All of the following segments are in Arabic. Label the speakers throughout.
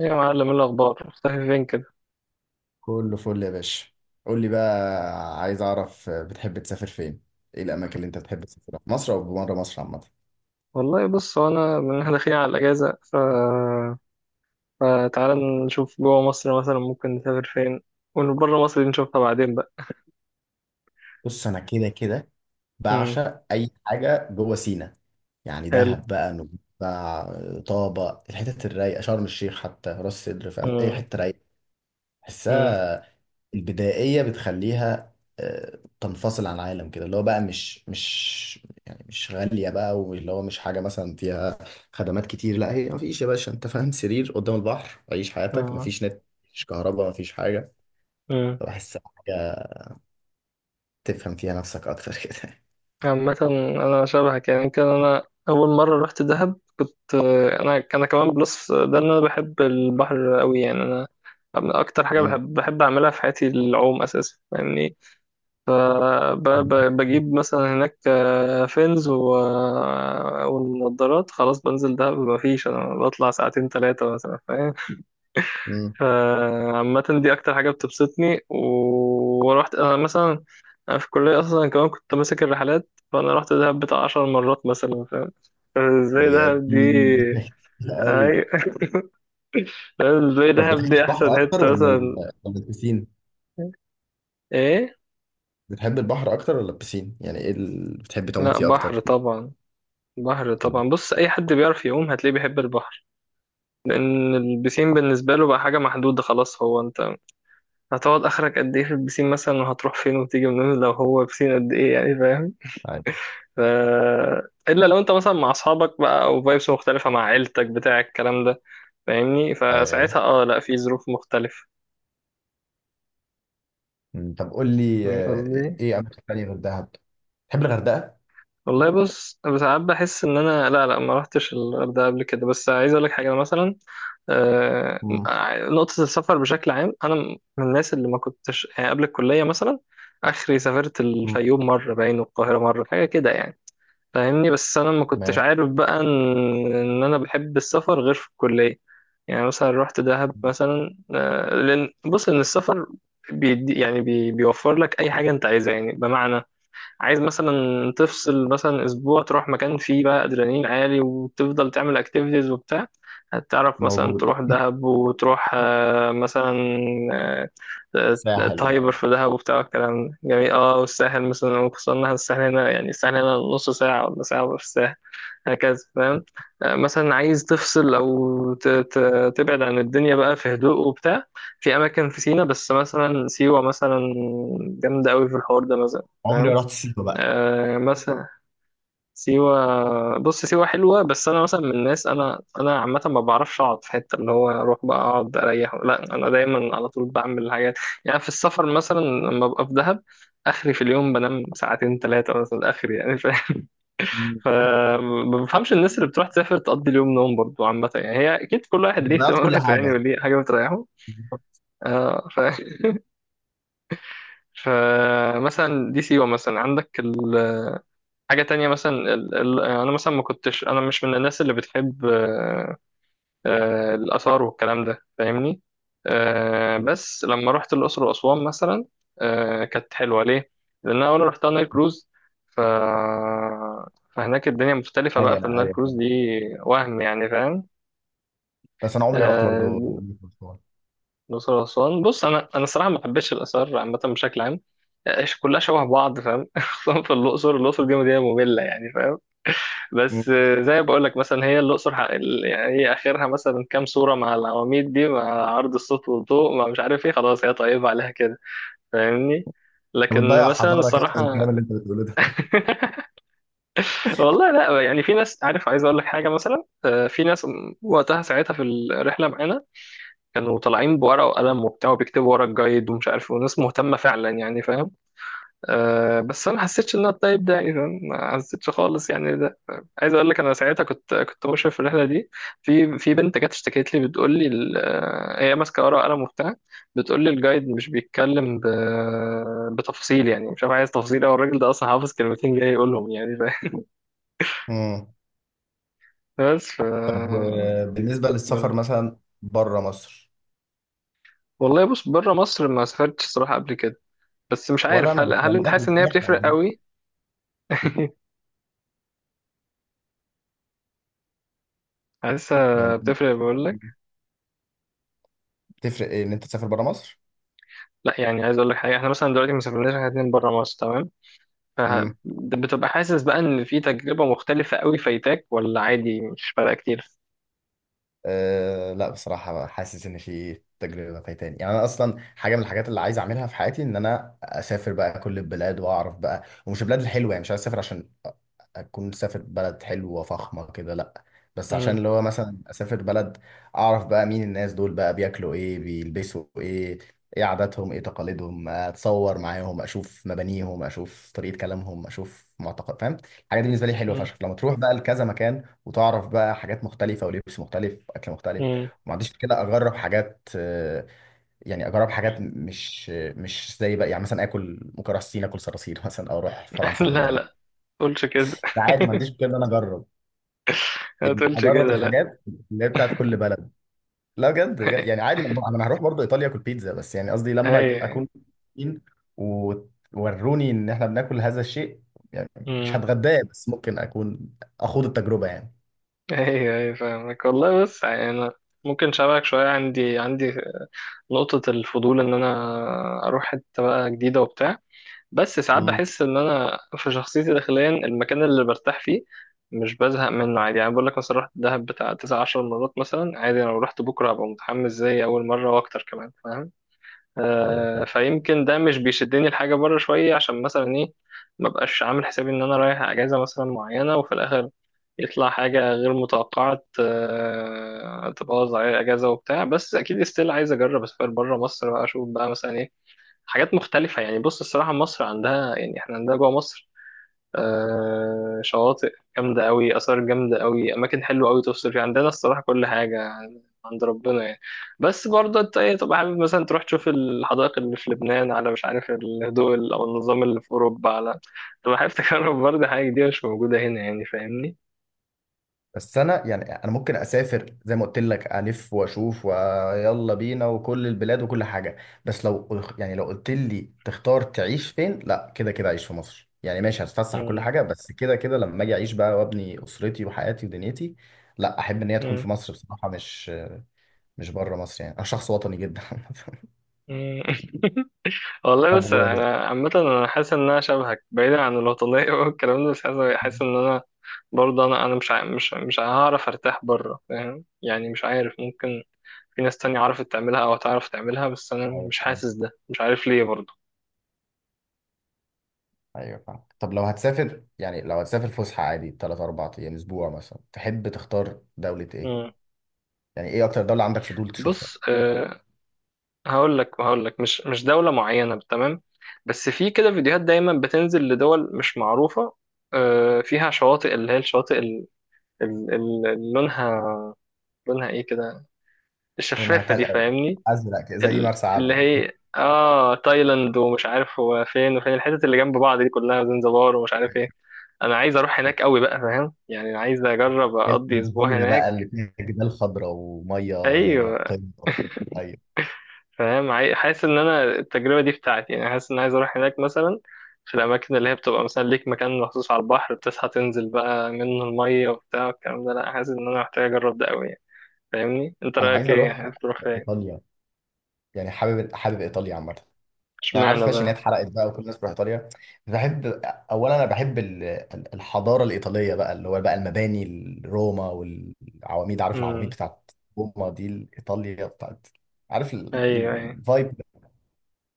Speaker 1: ايه يا معلم؟ إيه الاخبار؟ مختفي فين كده؟
Speaker 2: كله فل يا باشا. قول لي بقى، عايز اعرف بتحب تسافر فين؟ ايه الاماكن اللي انت بتحب تسافرها في مصر او بره مصر عامه؟
Speaker 1: والله بص، هو من إحنا داخلين على الاجازه فتعالى نشوف جوه مصر مثلا ممكن نسافر فين، وبره مصر دي نشوفها بعدين بقى.
Speaker 2: بص انا كده كده
Speaker 1: امم.
Speaker 2: بعشق اي حاجه جوه سينا، يعني
Speaker 1: حلو.
Speaker 2: دهب بقى، نويبع، طابه، الحتت الرايقه، شرم الشيخ، حتى راس سدر. فاهم اي
Speaker 1: امم.
Speaker 2: حته رايقه
Speaker 1: امم.
Speaker 2: بحسها. البدائية بتخليها تنفصل عن العالم كده. اللي هو بقى مش يعني مش غالية بقى، واللي هو مش حاجة مثلا فيها خدمات كتير. لا، هي مفيش يا باشا، انت فاهم؟ سرير قدام البحر، عيش حياتك،
Speaker 1: امم.
Speaker 2: مفيش نت، مفيش كهرباء، مفيش حاجة.
Speaker 1: أمم.
Speaker 2: فبحس حاجة تفهم فيها نفسك أكتر كده.
Speaker 1: عامه انا شبهك، يعني كان انا اول مره رحت دهب، كنت انا كمان بلس ده، ان انا بحب البحر قوي يعني. انا اكتر حاجه
Speaker 2: مم.
Speaker 1: بحب اعملها في حياتي، العوم اساسا يعني. فبجيب مثلا هناك فينز والنضارات، خلاص بنزل دهب مفيش، انا بطلع ساعتين ثلاثة مثلا، فاهم؟
Speaker 2: مم.
Speaker 1: فعامة دي اكتر حاجة بتبسطني. ورحت انا مثلا، أنا في الكلية اصلا كمان كنت ماسك الرحلات، فانا رحت دهب بتاع 10 مرات مثلا، فاهم ازاي
Speaker 2: يا
Speaker 1: دهب دي؟
Speaker 2: دي قوي.
Speaker 1: أي... فاهم؟ ازاي
Speaker 2: طب
Speaker 1: دهب
Speaker 2: بتحب
Speaker 1: دي
Speaker 2: البحر
Speaker 1: احسن
Speaker 2: أكتر
Speaker 1: حتة
Speaker 2: ولا
Speaker 1: مثلا.
Speaker 2: ولا البسين؟
Speaker 1: ايه؟
Speaker 2: بتحب البحر أكتر ولا البسين؟ يعني إيه اللي بتحب تعوم
Speaker 1: لا
Speaker 2: فيه
Speaker 1: بحر
Speaker 2: أكتر؟
Speaker 1: طبعا. بحر طبعا. بص، اي حد بيعرف يعوم هتلاقيه بيحب البحر، لان البسين بالنسبه له بقى حاجه محدوده خلاص. هو انت هتقعد اخرك قد ايه في البسين مثلا، وهتروح فين وتيجي منين لو هو بسين قد ايه يعني، فاهم؟ ف... الا لو انت مثلا مع اصحابك بقى، او فايبس مختلفه مع عيلتك بتاع الكلام ده، فاهمني؟
Speaker 2: عادي.
Speaker 1: فساعتها اه لا، في ظروف مختلفه.
Speaker 2: مم. طب قول لي
Speaker 1: فاهم قصدي؟
Speaker 2: ايه اماكن تانية غير دهب؟ تحب الغردقه؟
Speaker 1: والله بص، أنا ساعات بحس ان انا، لا لا، ما رحتش الغردقه قبل كده، بس عايز اقول لك حاجه، أنا مثلا آه،
Speaker 2: مم.
Speaker 1: نقطة السفر بشكل عام، أنا من الناس اللي ما كنتش يعني قبل الكلية مثلا، آخري سافرت
Speaker 2: مم.
Speaker 1: الفيوم مرة، باين، والقاهرة مرة، حاجة كده يعني، فاهمني؟ بس أنا ما كنتش
Speaker 2: ماشي.
Speaker 1: عارف بقى إن أنا بحب السفر غير في الكلية. يعني مثلا رحت دهب مثلا، لأن بص إن السفر بيدي يعني بيوفر لك أي حاجة أنت عايزها، يعني بمعنى عايز مثلا تفصل مثلا اسبوع، تروح مكان فيه بقى ادرينالين عالي وتفضل تعمل اكتيفيتيز وبتاع، هتعرف مثلا
Speaker 2: موجود
Speaker 1: تروح دهب، وتروح مثلا، آه، آه،
Speaker 2: ساحل
Speaker 1: تهايبر
Speaker 2: ما.
Speaker 1: في دهب وبتاع الكلام ده جميل. اه، والساحل مثلا، وخصوصا إن الساحل هنا، يعني الساحل هنا نص ساعة ولا ساعة في الساحل، هكذا فاهم. مثلا عايز تفصل او تبعد عن الدنيا بقى في هدوء وبتاع، في اماكن في سينا، بس مثلا سيوة مثلا جامدة قوي في الحوار ده مثلا،
Speaker 2: عمري ما
Speaker 1: فاهم؟
Speaker 2: رحت سيوه بقى.
Speaker 1: آه مثلا سيوة، بص سيوة حلوة، بس أنا مثلا من الناس، أنا عامة ما بعرفش أقعد في حتة اللي هو أروح بقى أقعد أريح، لا أنا دايما على طول بعمل حاجات، يعني في السفر مثلا لما ببقى في دهب، آخري في اليوم بنام ساعتين ثلاثة مثلا آخري يعني، فاهم؟
Speaker 2: مم.
Speaker 1: فما بفهمش الناس اللي بتروح تسافر تقضي اليوم نوم، برضه عامة يعني هي أكيد كل واحد ليه
Speaker 2: ضيعت كل
Speaker 1: اهتماماته يعني،
Speaker 2: حاجه.
Speaker 1: وليه حاجة بتريحه. آه فمثلا دي سيوة مثلا، عندك حاجة تانية مثلا، أنا مثلا ما كنتش أنا مش من الناس اللي بتحب الآثار والكلام ده، فاهمني؟ بس لما رحت الأقصر وأسوان مثلا، كانت حلوة ليه؟ لأن أنا أول رحتها نايل كروز، ف... فهناك الدنيا مختلفة بقى
Speaker 2: ايوه
Speaker 1: في النايل كروز
Speaker 2: ايوه،
Speaker 1: دي، وهم يعني فاهم.
Speaker 2: بس انا عمري ما رحت برضو.
Speaker 1: آه، الأقصر وأسوان، بص أنا الصراحة ما بحبش الآثار عامة بشكل عام، كلها شبه بعض، فاهم؟ خصوصا في الأقصر، الأقصر دي مدينة مملة يعني فاهم.
Speaker 2: مم.
Speaker 1: بس زي ما بقول لك مثلا، هي الاقصر يعني هي اخرها مثلا كام صوره مع العواميد دي، مع عرض الصوت والضوء، ما مش عارف ايه، خلاص هي طيبه عليها كده، فاهمني؟
Speaker 2: انت
Speaker 1: لكن
Speaker 2: بتضيع
Speaker 1: مثلا
Speaker 2: حضاره كده في الكلام
Speaker 1: الصراحه،
Speaker 2: اللي انت بتقوله ده.
Speaker 1: والله لا يعني في ناس، عارف عايز اقول لك حاجه مثلا، في ناس وقتها ساعتها في الرحله معانا كانوا طالعين بورقه وقلم وبتاع وبيكتبوا ورا الجايد ومش عارف، وناس مهتمه فعلا يعني فاهم. أه بس انا ما حسيتش ان انا الطيب ده، اذا ما حسيتش خالص يعني ده. عايز اقول لك انا ساعتها كنت مشرف في الرحله دي، في بنت جت اشتكت لي بتقول لي هي ماسكه ورقه وقلم وبتاع، بتقول لي الجايد مش بيتكلم بتفاصيل، يعني مش عارف عايز تفاصيل، او الراجل ده اصلا حافظ كلمتين جاي يقولهم يعني
Speaker 2: مم.
Speaker 1: بس
Speaker 2: طب بالنسبه للسفر مثلا بره مصر؟
Speaker 1: والله بص، بره مصر ما سافرتش صراحه قبل كده، بس مش
Speaker 2: ولا
Speaker 1: عارف
Speaker 2: انا
Speaker 1: هل
Speaker 2: بس؟
Speaker 1: هل
Speaker 2: يعني
Speaker 1: انت حاسس ان هي
Speaker 2: احنا
Speaker 1: بتفرق
Speaker 2: مع مصر
Speaker 1: قوي؟ حاسسها
Speaker 2: يعني.
Speaker 1: بتفرق بقول.
Speaker 2: تفرق ايه ان انت تسافر بره مصر؟
Speaker 1: لا يعني عايز اقول لك حاجه، احنا مثلا دلوقتي ما سافرناش احنا اتنين بره مصر، تمام؟ فبتبقى حاسس بقى ان في تجربه مختلفه قوي فايتاك، ولا عادي مش فارقه كتير؟
Speaker 2: أه لا، بصراحة حاسس إن في تجربة فايتاني. يعني أنا أصلا حاجة من الحاجات اللي عايز أعملها في حياتي إن أنا أسافر بقى كل البلاد وأعرف بقى، ومش البلاد الحلوة. يعني مش عايز أسافر عشان أكون سافر بلد حلوة فخمة كده، لا. بس عشان
Speaker 1: مم.
Speaker 2: اللي هو مثلا أسافر بلد أعرف بقى مين الناس دول بقى، بياكلوا إيه، بيلبسوا إيه، إيه عاداتهم، إيه تقاليدهم. أتصور معاهم، أشوف مبانيهم، أشوف طريقة كلامهم، أشوف معتقد. فاهم؟ الحاجات دي بالنسبة لي حلوة
Speaker 1: مم.
Speaker 2: فشخ لما تروح بقى لكذا مكان، وتعرف بقى حاجات مختلفة ولبس مختلف وأكل مختلف.
Speaker 1: مم.
Speaker 2: وما عنديش كده، أجرب حاجات. يعني أجرب حاجات مش زي بقى. يعني مثلا آكل، ممكن أروح الصين آكل صراصير مثلا، أو أروح فرنسا آكل
Speaker 1: لا لا،
Speaker 2: ضبط.
Speaker 1: تقولش كده.
Speaker 2: ده عادي، ما عنديش مشكلة إن أنا أجرب،
Speaker 1: ما
Speaker 2: يعني
Speaker 1: تقولش
Speaker 2: أجرب
Speaker 1: كده لا.
Speaker 2: الحاجات اللي هي بتاعت كل بلد. لا بجد بجد، يعني عادي. ما أنا هروح برضه إيطاليا آكل بيتزا. بس يعني قصدي لما
Speaker 1: ايوه.
Speaker 2: أكون فين، ووروني إن إحنا بناكل هذا الشيء يعني. مش
Speaker 1: امم.
Speaker 2: هتغداه، بس ممكن أكون أخوض التجربة يعني.
Speaker 1: ايوه. ايوه فاهمك. والله بس يعني انا ممكن شبهك شويه، عندي نقطه الفضول ان انا اروح حته بقى جديده وبتاع، بس ساعات
Speaker 2: مم.
Speaker 1: بحس ان انا في شخصيتي داخليا المكان اللي برتاح فيه مش بزهق منه عادي، يعني بقول لك مثلا رحت دهب بتاع 19 مرات مثلا، عادي لو رحت بكره هبقى متحمس زي اول مره واكتر كمان فاهم.
Speaker 2: أيوه
Speaker 1: آه،
Speaker 2: فاهم.
Speaker 1: فيمكن ده مش بيشدني الحاجه بره شويه، عشان مثلا ايه؟ ما بقاش عامل حسابي ان انا رايح اجازه مثلا معينه وفي الاخر يطلع حاجه غير متوقعه آه تبوظ عليا الاجازه وبتاع. بس اكيد ستيل عايز اجرب اسافر بره مصر بقى، اشوف بقى مثلا إيه حاجات مختلفة يعني. بص الصراحة مصر عندها، يعني احنا عندنا جوه مصر آه شواطئ جامدة قوي، آثار جامدة قوي، أماكن حلوة قوي تفصل فيها، عندنا الصراحة كل حاجة عند ربنا يعني. بس برضه أنت إيه، تبقى حابب مثلا تروح تشوف الحدائق اللي في لبنان، على مش عارف الهدوء أو النظام اللي في أوروبا، على تبقى حابب تجرب برضه حاجة جديدة مش موجودة هنا يعني، فاهمني؟
Speaker 2: بس انا يعني انا ممكن اسافر زي ما قلت لك الف واشوف، ويلا بينا وكل البلاد وكل حاجه. بس لو يعني لو قلت لي تختار تعيش فين، لا كده كده اعيش في مصر. يعني ماشي هتفسح وكل
Speaker 1: مم.
Speaker 2: حاجه، بس كده كده لما اجي اعيش بقى وابني اسرتي وحياتي ودنيتي، لا احب ان هي تكون
Speaker 1: مم.
Speaker 2: في مصر بصراحه. مش مش بره مصر. يعني انا شخص وطني جدا
Speaker 1: مم. والله
Speaker 2: طب
Speaker 1: بس
Speaker 2: و...
Speaker 1: انا عامه، انا حاسس ان انا شبهك بعيدا عن الوطنيه والكلام ده، بس حاسس ان انا برضه انا انا مش ع- مش مش هعرف ارتاح بره فاهم، يعني مش عارف، ممكن في ناس تانية عرفت تعملها او تعرف تعملها، بس انا
Speaker 2: ايوه
Speaker 1: مش
Speaker 2: فاهم.
Speaker 1: حاسس، ده مش عارف ليه برضه.
Speaker 2: أيوة فاهم. طب لو هتسافر، يعني لو هتسافر فسحه عادي 3 4 ايام اسبوع مثلا، تحب تختار دوله ايه؟
Speaker 1: مم.
Speaker 2: يعني ايه اكتر دولة عندك فضول تشوفها؟
Speaker 1: بص أه، هقول لك مش دوله معينه تمام، بس في كده فيديوهات دايما بتنزل لدول مش معروفه أه، فيها شواطئ، اللي هي الشواطئ اللي لونها لونها ايه كده،
Speaker 2: لونها
Speaker 1: الشفافه دي،
Speaker 2: تلقى
Speaker 1: فاهمني؟
Speaker 2: ازرق كده، زي مرسى
Speaker 1: اللي
Speaker 2: علم.
Speaker 1: هي اه تايلاند ومش عارف هو فين، وفين الحتت اللي جنب بعض دي كلها، زنزبار ومش عارف ايه. انا عايز اروح هناك قوي بقى فاهم يعني، عايز اجرب
Speaker 2: هي
Speaker 1: اقضي اسبوع
Speaker 2: الجزيرة بقى
Speaker 1: هناك.
Speaker 2: اللي فيها جبال خضراء ومية
Speaker 1: ايوه
Speaker 2: نقية؟ ايوه.
Speaker 1: فاهم. حاسس ان انا التجربه دي بتاعتي يعني، حاسس ان عايز اروح هناك مثلا، في الاماكن اللي هي بتبقى مثلا ليك مكان مخصوص على البحر بتصحى تنزل بقى منه الميه وبتاع الكلام ده، لا حاسس ان انا محتاج اجرب ده قوي يعني. فاهمني؟ انت
Speaker 2: انا عايز
Speaker 1: رايك ايه؟
Speaker 2: اروح
Speaker 1: عايز تروح فين؟
Speaker 2: ايطاليا. يعني حابب حابب ايطاليا عامة. يعني عارف،
Speaker 1: اشمعنى
Speaker 2: ماشي ان هي
Speaker 1: بقى؟
Speaker 2: اتحرقت بقى وكل الناس بتروح ايطاليا. بحب اولا، انا بحب الحضارة الايطالية بقى، اللي هو بقى المباني، روما والعواميد. عارف العواميد
Speaker 1: امم.
Speaker 2: بتاعت روما دي، ايطاليا بتاعت. عارف
Speaker 1: ايوه. ايوه.
Speaker 2: الفايب.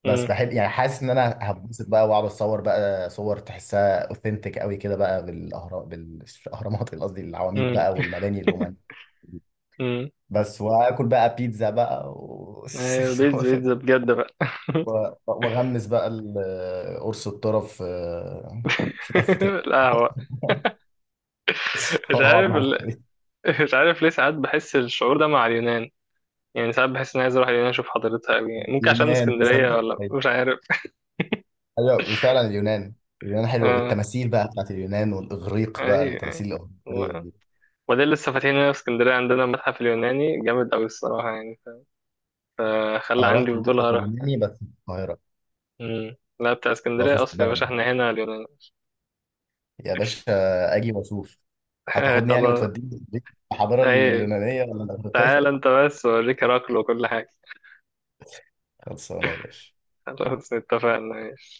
Speaker 2: بس
Speaker 1: امم.
Speaker 2: بحب يعني، حاسس ان انا هتبسط بقى واقعد اتصور بقى صور تحسها اوثنتيك قوي كده بقى، بالاهرام بالاهرامات قصدي العواميد بقى، والمباني الرومانية.
Speaker 1: امم.
Speaker 2: بس واكل بقى بيتزا بقى
Speaker 1: ايوه، بيتزا بيتزا بجد بقى.
Speaker 2: واغمس بقى قرص الطرف في تفة الأرض
Speaker 1: القهوة. مش
Speaker 2: واقعد
Speaker 1: عارف
Speaker 2: مع
Speaker 1: ال... مش عارف ليه ساعات بحس الشعور ده مع اليونان، يعني ساعات بحس اني عايز اروح اليونان، اشوف حضارتها أوي يعني، ممكن عشان من
Speaker 2: اليونان.
Speaker 1: اسكندرية،
Speaker 2: تصدق؟
Speaker 1: ولا
Speaker 2: ايوه.
Speaker 1: مش عارف.
Speaker 2: وفعلا اليونان، اليونان حلوه
Speaker 1: اه.
Speaker 2: بالتماثيل بقى بتاعت اليونان والاغريق بقى،
Speaker 1: ايوه. أيوة.
Speaker 2: التماثيل الاغريقيه
Speaker 1: و-
Speaker 2: دي.
Speaker 1: وده اللي لسه فاتحين هنا في اسكندرية عندنا، متحف اليوناني جامد أوي الصراحة يعني، فخلى
Speaker 2: انا
Speaker 1: عندي
Speaker 2: رحت
Speaker 1: فضول
Speaker 2: متحف
Speaker 1: أروح.
Speaker 2: اليوناني بس في القاهره،
Speaker 1: مم. لا بتاع
Speaker 2: اللي هو في
Speaker 1: اسكندرية
Speaker 2: وسط
Speaker 1: أصلا يا
Speaker 2: البلد
Speaker 1: باشا،
Speaker 2: ده.
Speaker 1: احنا هنا اليونان.
Speaker 2: يا باشا اجي واشوف، هتاخدني يعني
Speaker 1: خلاص.
Speaker 2: وتوديني الحضاره
Speaker 1: أيوة.
Speaker 2: اليونانيه ولا
Speaker 1: تعال
Speaker 2: الاغريقيه؟
Speaker 1: أنت بس أوريك هراكل وكل حاجة.
Speaker 2: خلصانه يا باشا.
Speaker 1: خلاص اتفقنا، ماشي.